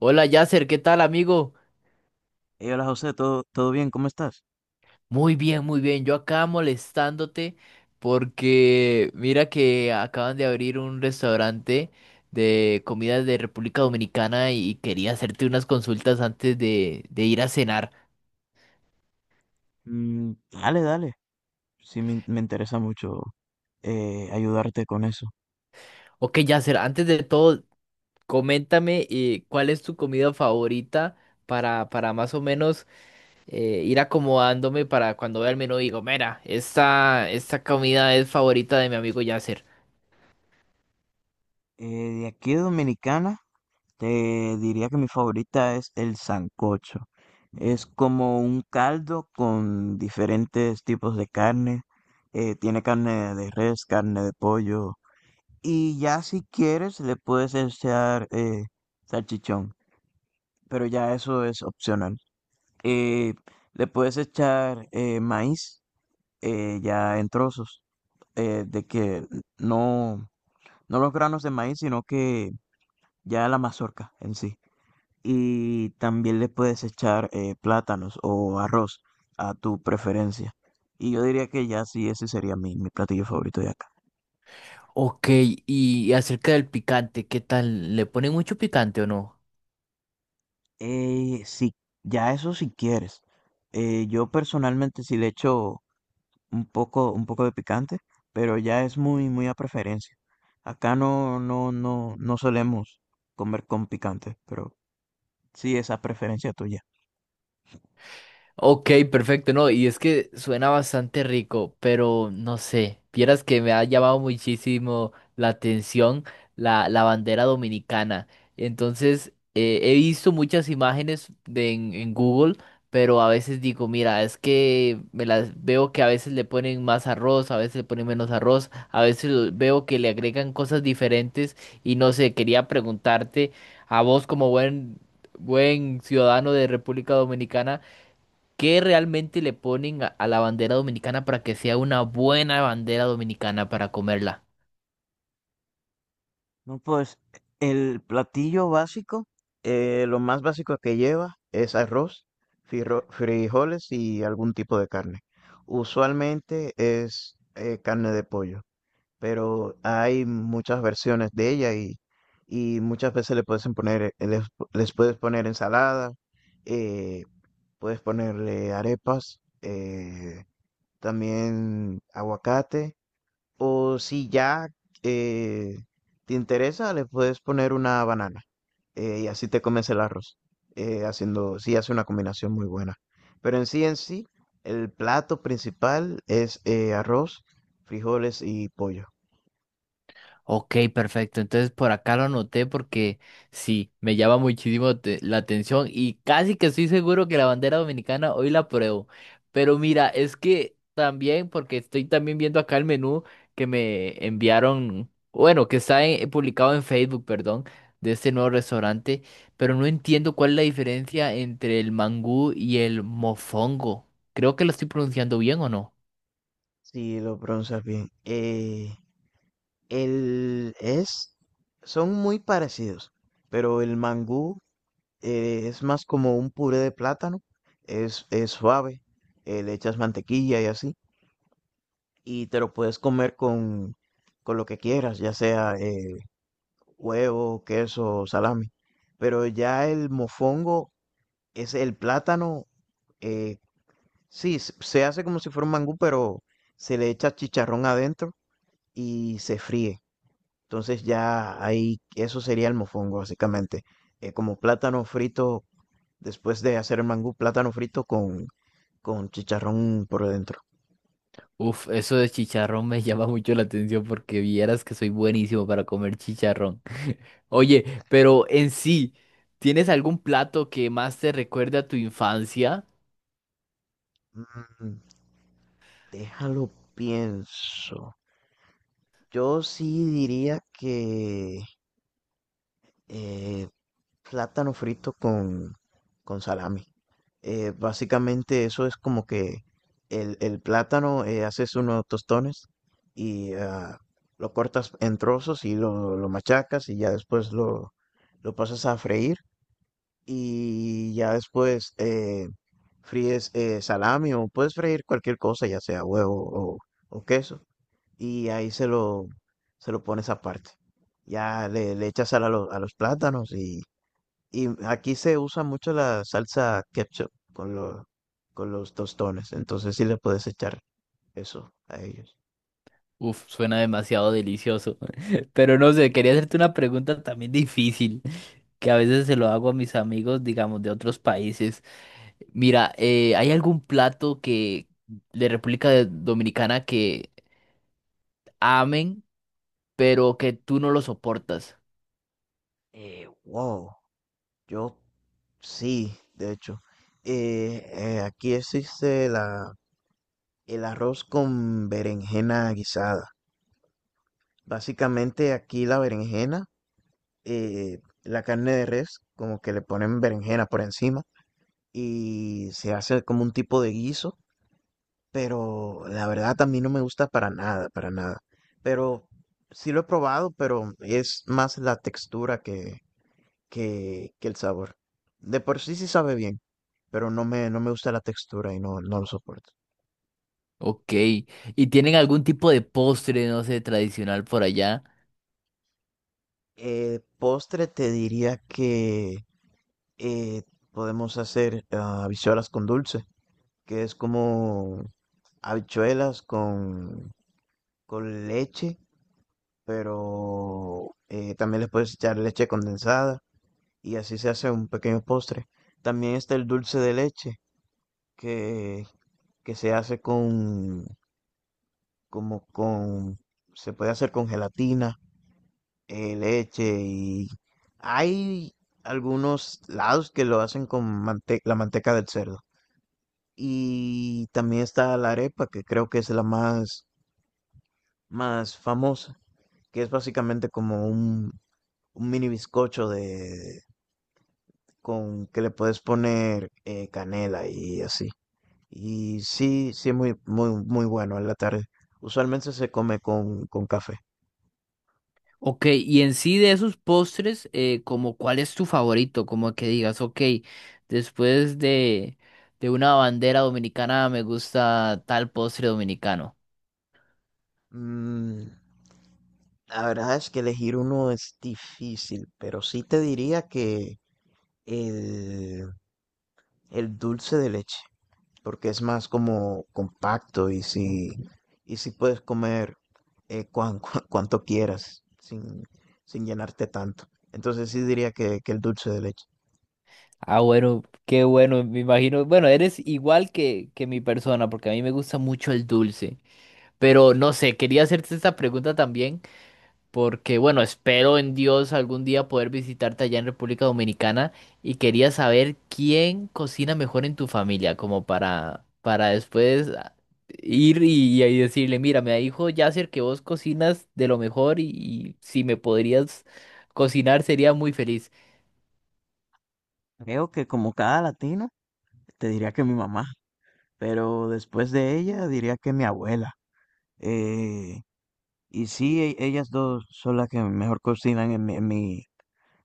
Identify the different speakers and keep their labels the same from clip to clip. Speaker 1: Hola Yasser, ¿qué tal amigo?
Speaker 2: Hey, hola José, ¿todo bien? ¿Cómo estás?
Speaker 1: Muy bien, muy bien. Yo acá molestándote porque mira que acaban de abrir un restaurante de comidas de República Dominicana y quería hacerte unas consultas antes de ir a cenar.
Speaker 2: Mm, dale, dale. Sí, me interesa mucho, ayudarte con eso.
Speaker 1: Ok Yasser, antes de todo, coméntame cuál es tu comida favorita para más o menos ir acomodándome para cuando vea el menú digo, mira, esta comida es favorita de mi amigo Yasser.
Speaker 2: Eh, de aquí de Dominicana, te diría que mi favorita es el sancocho. Es como un caldo con diferentes tipos de carne. Tiene carne de res, carne de pollo. Y ya si quieres, le puedes echar, salchichón. Pero ya eso es opcional. Eh, Le puedes echar, maíz, ya en trozos, de que no, no los granos de maíz, sino que ya la mazorca en sí. Y también le puedes echar, plátanos o arroz a tu preferencia. Y yo diría que ya sí, ese sería mi platillo favorito de acá.
Speaker 1: Ok, y acerca del picante, ¿qué tal? ¿Le ponen mucho picante o no?
Speaker 2: Sí, ya eso si quieres. Yo personalmente sí le echo un poco de picante, pero ya es muy, muy a preferencia. Acá no, no, no, no solemos comer con picante, pero sí es a preferencia tuya.
Speaker 1: Ok, perfecto, no, y es que suena bastante rico, pero no sé, vieras que me ha llamado muchísimo la atención la bandera dominicana. Entonces, he visto muchas imágenes en Google, pero a veces digo, mira, es que me las veo que a veces le ponen más arroz, a veces le ponen menos arroz, a veces veo que le agregan cosas diferentes y no sé, quería preguntarte a vos como buen ciudadano de República Dominicana. ¿Qué realmente le ponen a la bandera dominicana para que sea una buena bandera dominicana para comerla?
Speaker 2: No, pues el platillo básico, lo más básico que lleva es arroz, frijoles y algún tipo de carne. Usualmente es, carne de pollo. Pero hay muchas versiones de ella y, muchas veces le puedes poner, les puedes poner ensalada, eh, puedes ponerle arepas, también aguacate, o si ya, eh, te interesa, le puedes poner una banana, y así te comes el arroz, haciendo, sí hace una combinación muy buena. Pero en sí, el plato principal es, arroz, frijoles y pollo.
Speaker 1: Ok, perfecto. Entonces por acá lo anoté porque sí, me llama muchísimo la atención y casi que estoy seguro que la bandera dominicana hoy la pruebo. Pero mira, es que también, porque estoy también viendo acá el menú que me enviaron, bueno, que está publicado en Facebook, perdón, de este nuevo restaurante, pero no entiendo cuál es la diferencia entre el mangú y el mofongo. Creo que lo estoy pronunciando bien o no.
Speaker 2: Sí, lo pronuncias bien. El es, son muy parecidos, pero el mangú, es más como un puré de plátano, es suave, le echas mantequilla y así, y te lo puedes comer con lo que quieras, ya sea, huevo, queso o salami. Pero ya el mofongo es el plátano, eh, sí, se hace como si fuera un mangú, pero se le echa chicharrón adentro y se fríe. Entonces ya ahí, eso sería el mofongo básicamente. Como plátano frito, después de hacer el mangú, plátano frito con chicharrón por dentro.
Speaker 1: Uf, eso de chicharrón me llama mucho la atención porque vieras que soy buenísimo para comer chicharrón. Oye, pero en sí, ¿tienes algún plato que más te recuerde a tu infancia?
Speaker 2: Mm, déjalo pienso. Yo sí diría que, eh, plátano frito con salami. Básicamente eso es como que el plátano, haces unos tostones y ah, lo cortas en trozos y lo machacas y ya después lo pasas a freír y ya después, fríes, salami o puedes freír cualquier cosa, ya sea huevo o queso y ahí se lo pones aparte. Ya le echas sal a, a los plátanos y aquí se usa mucho la salsa ketchup con los tostones, entonces sí le puedes echar eso a ellos.
Speaker 1: Uf, suena demasiado delicioso. Pero no sé, quería hacerte una pregunta también difícil, que a veces se lo hago a mis amigos, digamos, de otros países. Mira, ¿hay algún plato que de República Dominicana que amen, pero que tú no lo soportas?
Speaker 2: Wow, yo sí, de hecho. Eh, aquí existe el arroz con berenjena guisada. Básicamente aquí la berenjena, la carne de res, como que le ponen berenjena por encima y se hace como un tipo de guiso, pero la verdad a mí no me gusta para nada, para nada. Pero sí lo he probado, pero es más la textura que el sabor. De por sí sí sabe bien, pero no me gusta la textura y no, no lo soporto.
Speaker 1: Ok, ¿y tienen algún tipo de postre, no sé, tradicional por allá?
Speaker 2: Postre te diría que, eh, podemos hacer, ah, habichuelas con dulce, que es como habichuelas con leche, pero, también les puedes echar leche condensada y así se hace un pequeño postre. También está el dulce de leche que, que se hace con, se puede hacer con gelatina, leche y hay algunos lados que lo hacen con la manteca del cerdo. Y también está la arepa, que creo que es más famosa, que es básicamente como un mini bizcocho de, con que le puedes poner, canela y así. Y sí, sí es muy, muy, muy bueno en la tarde. Usualmente se come con café.
Speaker 1: Ok, y en sí de esos postres, como cuál es tu favorito, como que digas, ok, después de una bandera dominicana me gusta tal postre dominicano.
Speaker 2: Mm, la verdad es que elegir uno es difícil, pero sí te diría que el, el dulce de leche, porque es más como compacto y si puedes comer, cuanto quieras sin, sin llenarte tanto. Entonces sí diría que el dulce de leche.
Speaker 1: Ah, bueno, qué bueno, me imagino, bueno, eres igual que mi persona, porque a mí me gusta mucho el dulce, pero no sé, quería hacerte esta pregunta también. Porque bueno, espero en Dios algún día poder visitarte allá en República Dominicana y quería saber quién cocina mejor en tu familia, como para después ah, ir y decirle, mira, me dijo Yasser que vos cocinas de lo mejor y si me podrías cocinar sería muy feliz.
Speaker 2: Creo que como cada latino, te diría que mi mamá. Pero después de ella diría que mi abuela. Eh, y sí, ellas dos son las que mejor cocinan en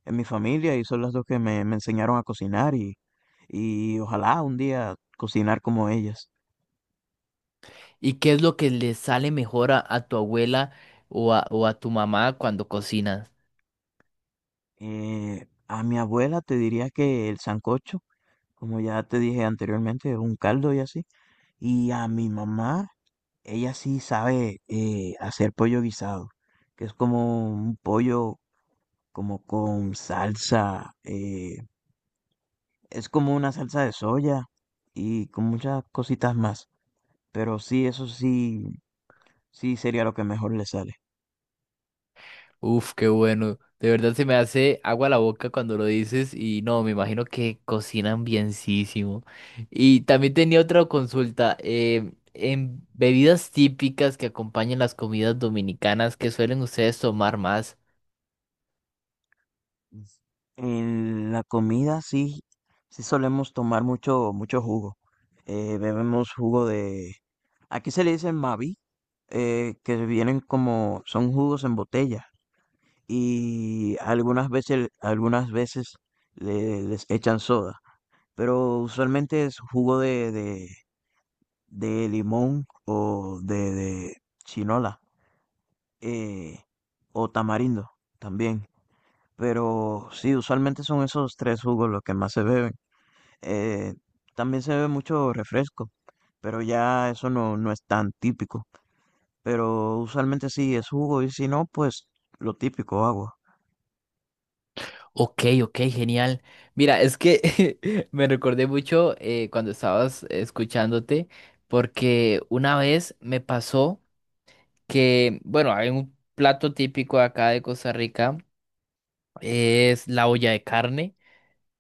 Speaker 2: en mi familia y son las dos que me enseñaron a cocinar y ojalá un día cocinar como ellas.
Speaker 1: ¿Y qué es lo que le sale mejor a tu abuela o a tu mamá cuando cocinas?
Speaker 2: A mi abuela te diría que el sancocho, como ya te dije anteriormente, es un caldo y así. Y a mi mamá, ella sí sabe, hacer pollo guisado, que es como un pollo como con salsa, es como una salsa de soya y con muchas cositas más, pero sí, eso sí, sí sería lo que mejor le sale.
Speaker 1: Uf, qué bueno. De verdad se me hace agua la boca cuando lo dices y no, me imagino que cocinan bienísimo. Y también tenía otra consulta. Eh, en bebidas típicas que acompañan las comidas dominicanas, ¿qué suelen ustedes tomar más?
Speaker 2: En la comida sí, sí solemos tomar mucho, mucho jugo. Bebemos jugo de, aquí se le dice Mavi, que vienen como, son jugos en botella y algunas veces les echan soda. Pero usualmente es de limón o de chinola, eh, o tamarindo también. Pero sí, usualmente son esos tres jugos los que más se beben. Eh, también se bebe mucho refresco, pero ya eso no, no es tan típico. Pero usualmente sí es jugo y si no, pues lo típico, agua.
Speaker 1: Ok, ok, genial. Mira, es que me recordé mucho cuando estabas escuchándote porque una vez me pasó que, bueno, hay un plato típico acá de Costa Rica. Es la olla de carne,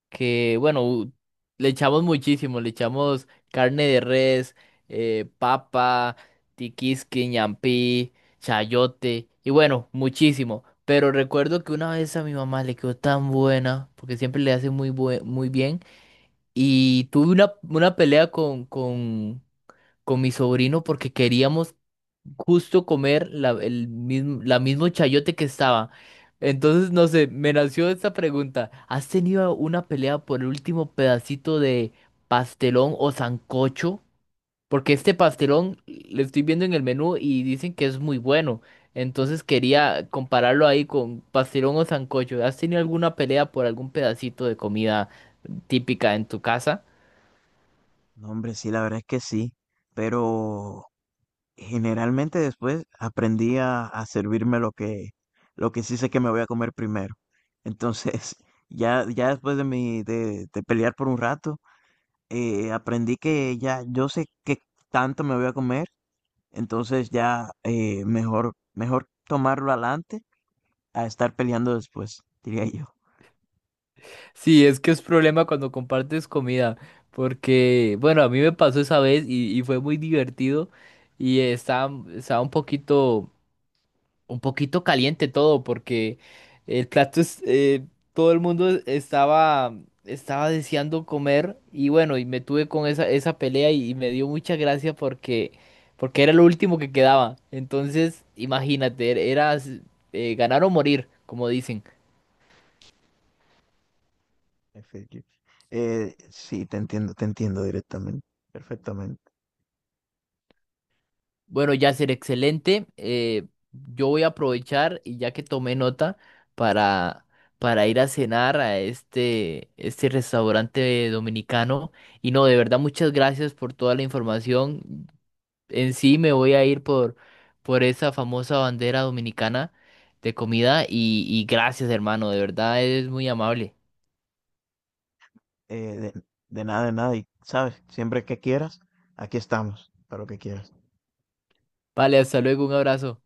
Speaker 1: que bueno, le echamos muchísimo, le echamos carne de res, papa, tiquisque, ñampí, chayote, y bueno, muchísimo. Pero recuerdo que una vez a mi mamá le quedó tan buena, porque siempre le hace muy, muy bien, y tuve una pelea con mi sobrino porque queríamos justo comer la, el mismo, la mismo chayote que estaba. Entonces, no sé, me nació esta pregunta. ¿Has tenido una pelea por el último pedacito de pastelón o sancocho? Porque este pastelón le estoy viendo en el menú y dicen que es muy bueno. Entonces quería compararlo ahí con pastelón o sancocho. ¿Has tenido alguna pelea por algún pedacito de comida típica en tu casa?
Speaker 2: No, hombre, sí, la verdad es que sí, pero generalmente después aprendí a servirme lo que sí sé que me voy a comer primero. Entonces, ya, ya después de de pelear por un rato, aprendí que ya yo sé qué tanto me voy a comer. Entonces ya, mejor, mejor tomarlo adelante a estar peleando después, diría yo.
Speaker 1: Sí, es que es problema cuando compartes comida, porque, bueno, a mí me pasó esa vez y fue muy divertido y estaba, estaba un poquito caliente todo, porque el plato es, todo el mundo estaba, estaba deseando comer y bueno, y me tuve con esa, esa pelea y me dio mucha gracia porque, porque era lo último que quedaba. Entonces, imagínate, era ganar o morir, como dicen.
Speaker 2: Efectivo. Sí, te entiendo directamente, perfectamente.
Speaker 1: Bueno, ya ser excelente. Eh, yo voy a aprovechar y ya que tomé nota para, para ir a cenar a este restaurante dominicano. Y no, de verdad, muchas gracias por toda la información. En sí me voy a ir por esa famosa bandera dominicana de comida y gracias, hermano. De verdad, es muy amable.
Speaker 2: Eh, de, de nada, de nada. Y sabes, siempre que quieras, aquí estamos para lo que quieras.
Speaker 1: Vale, hasta luego, un abrazo.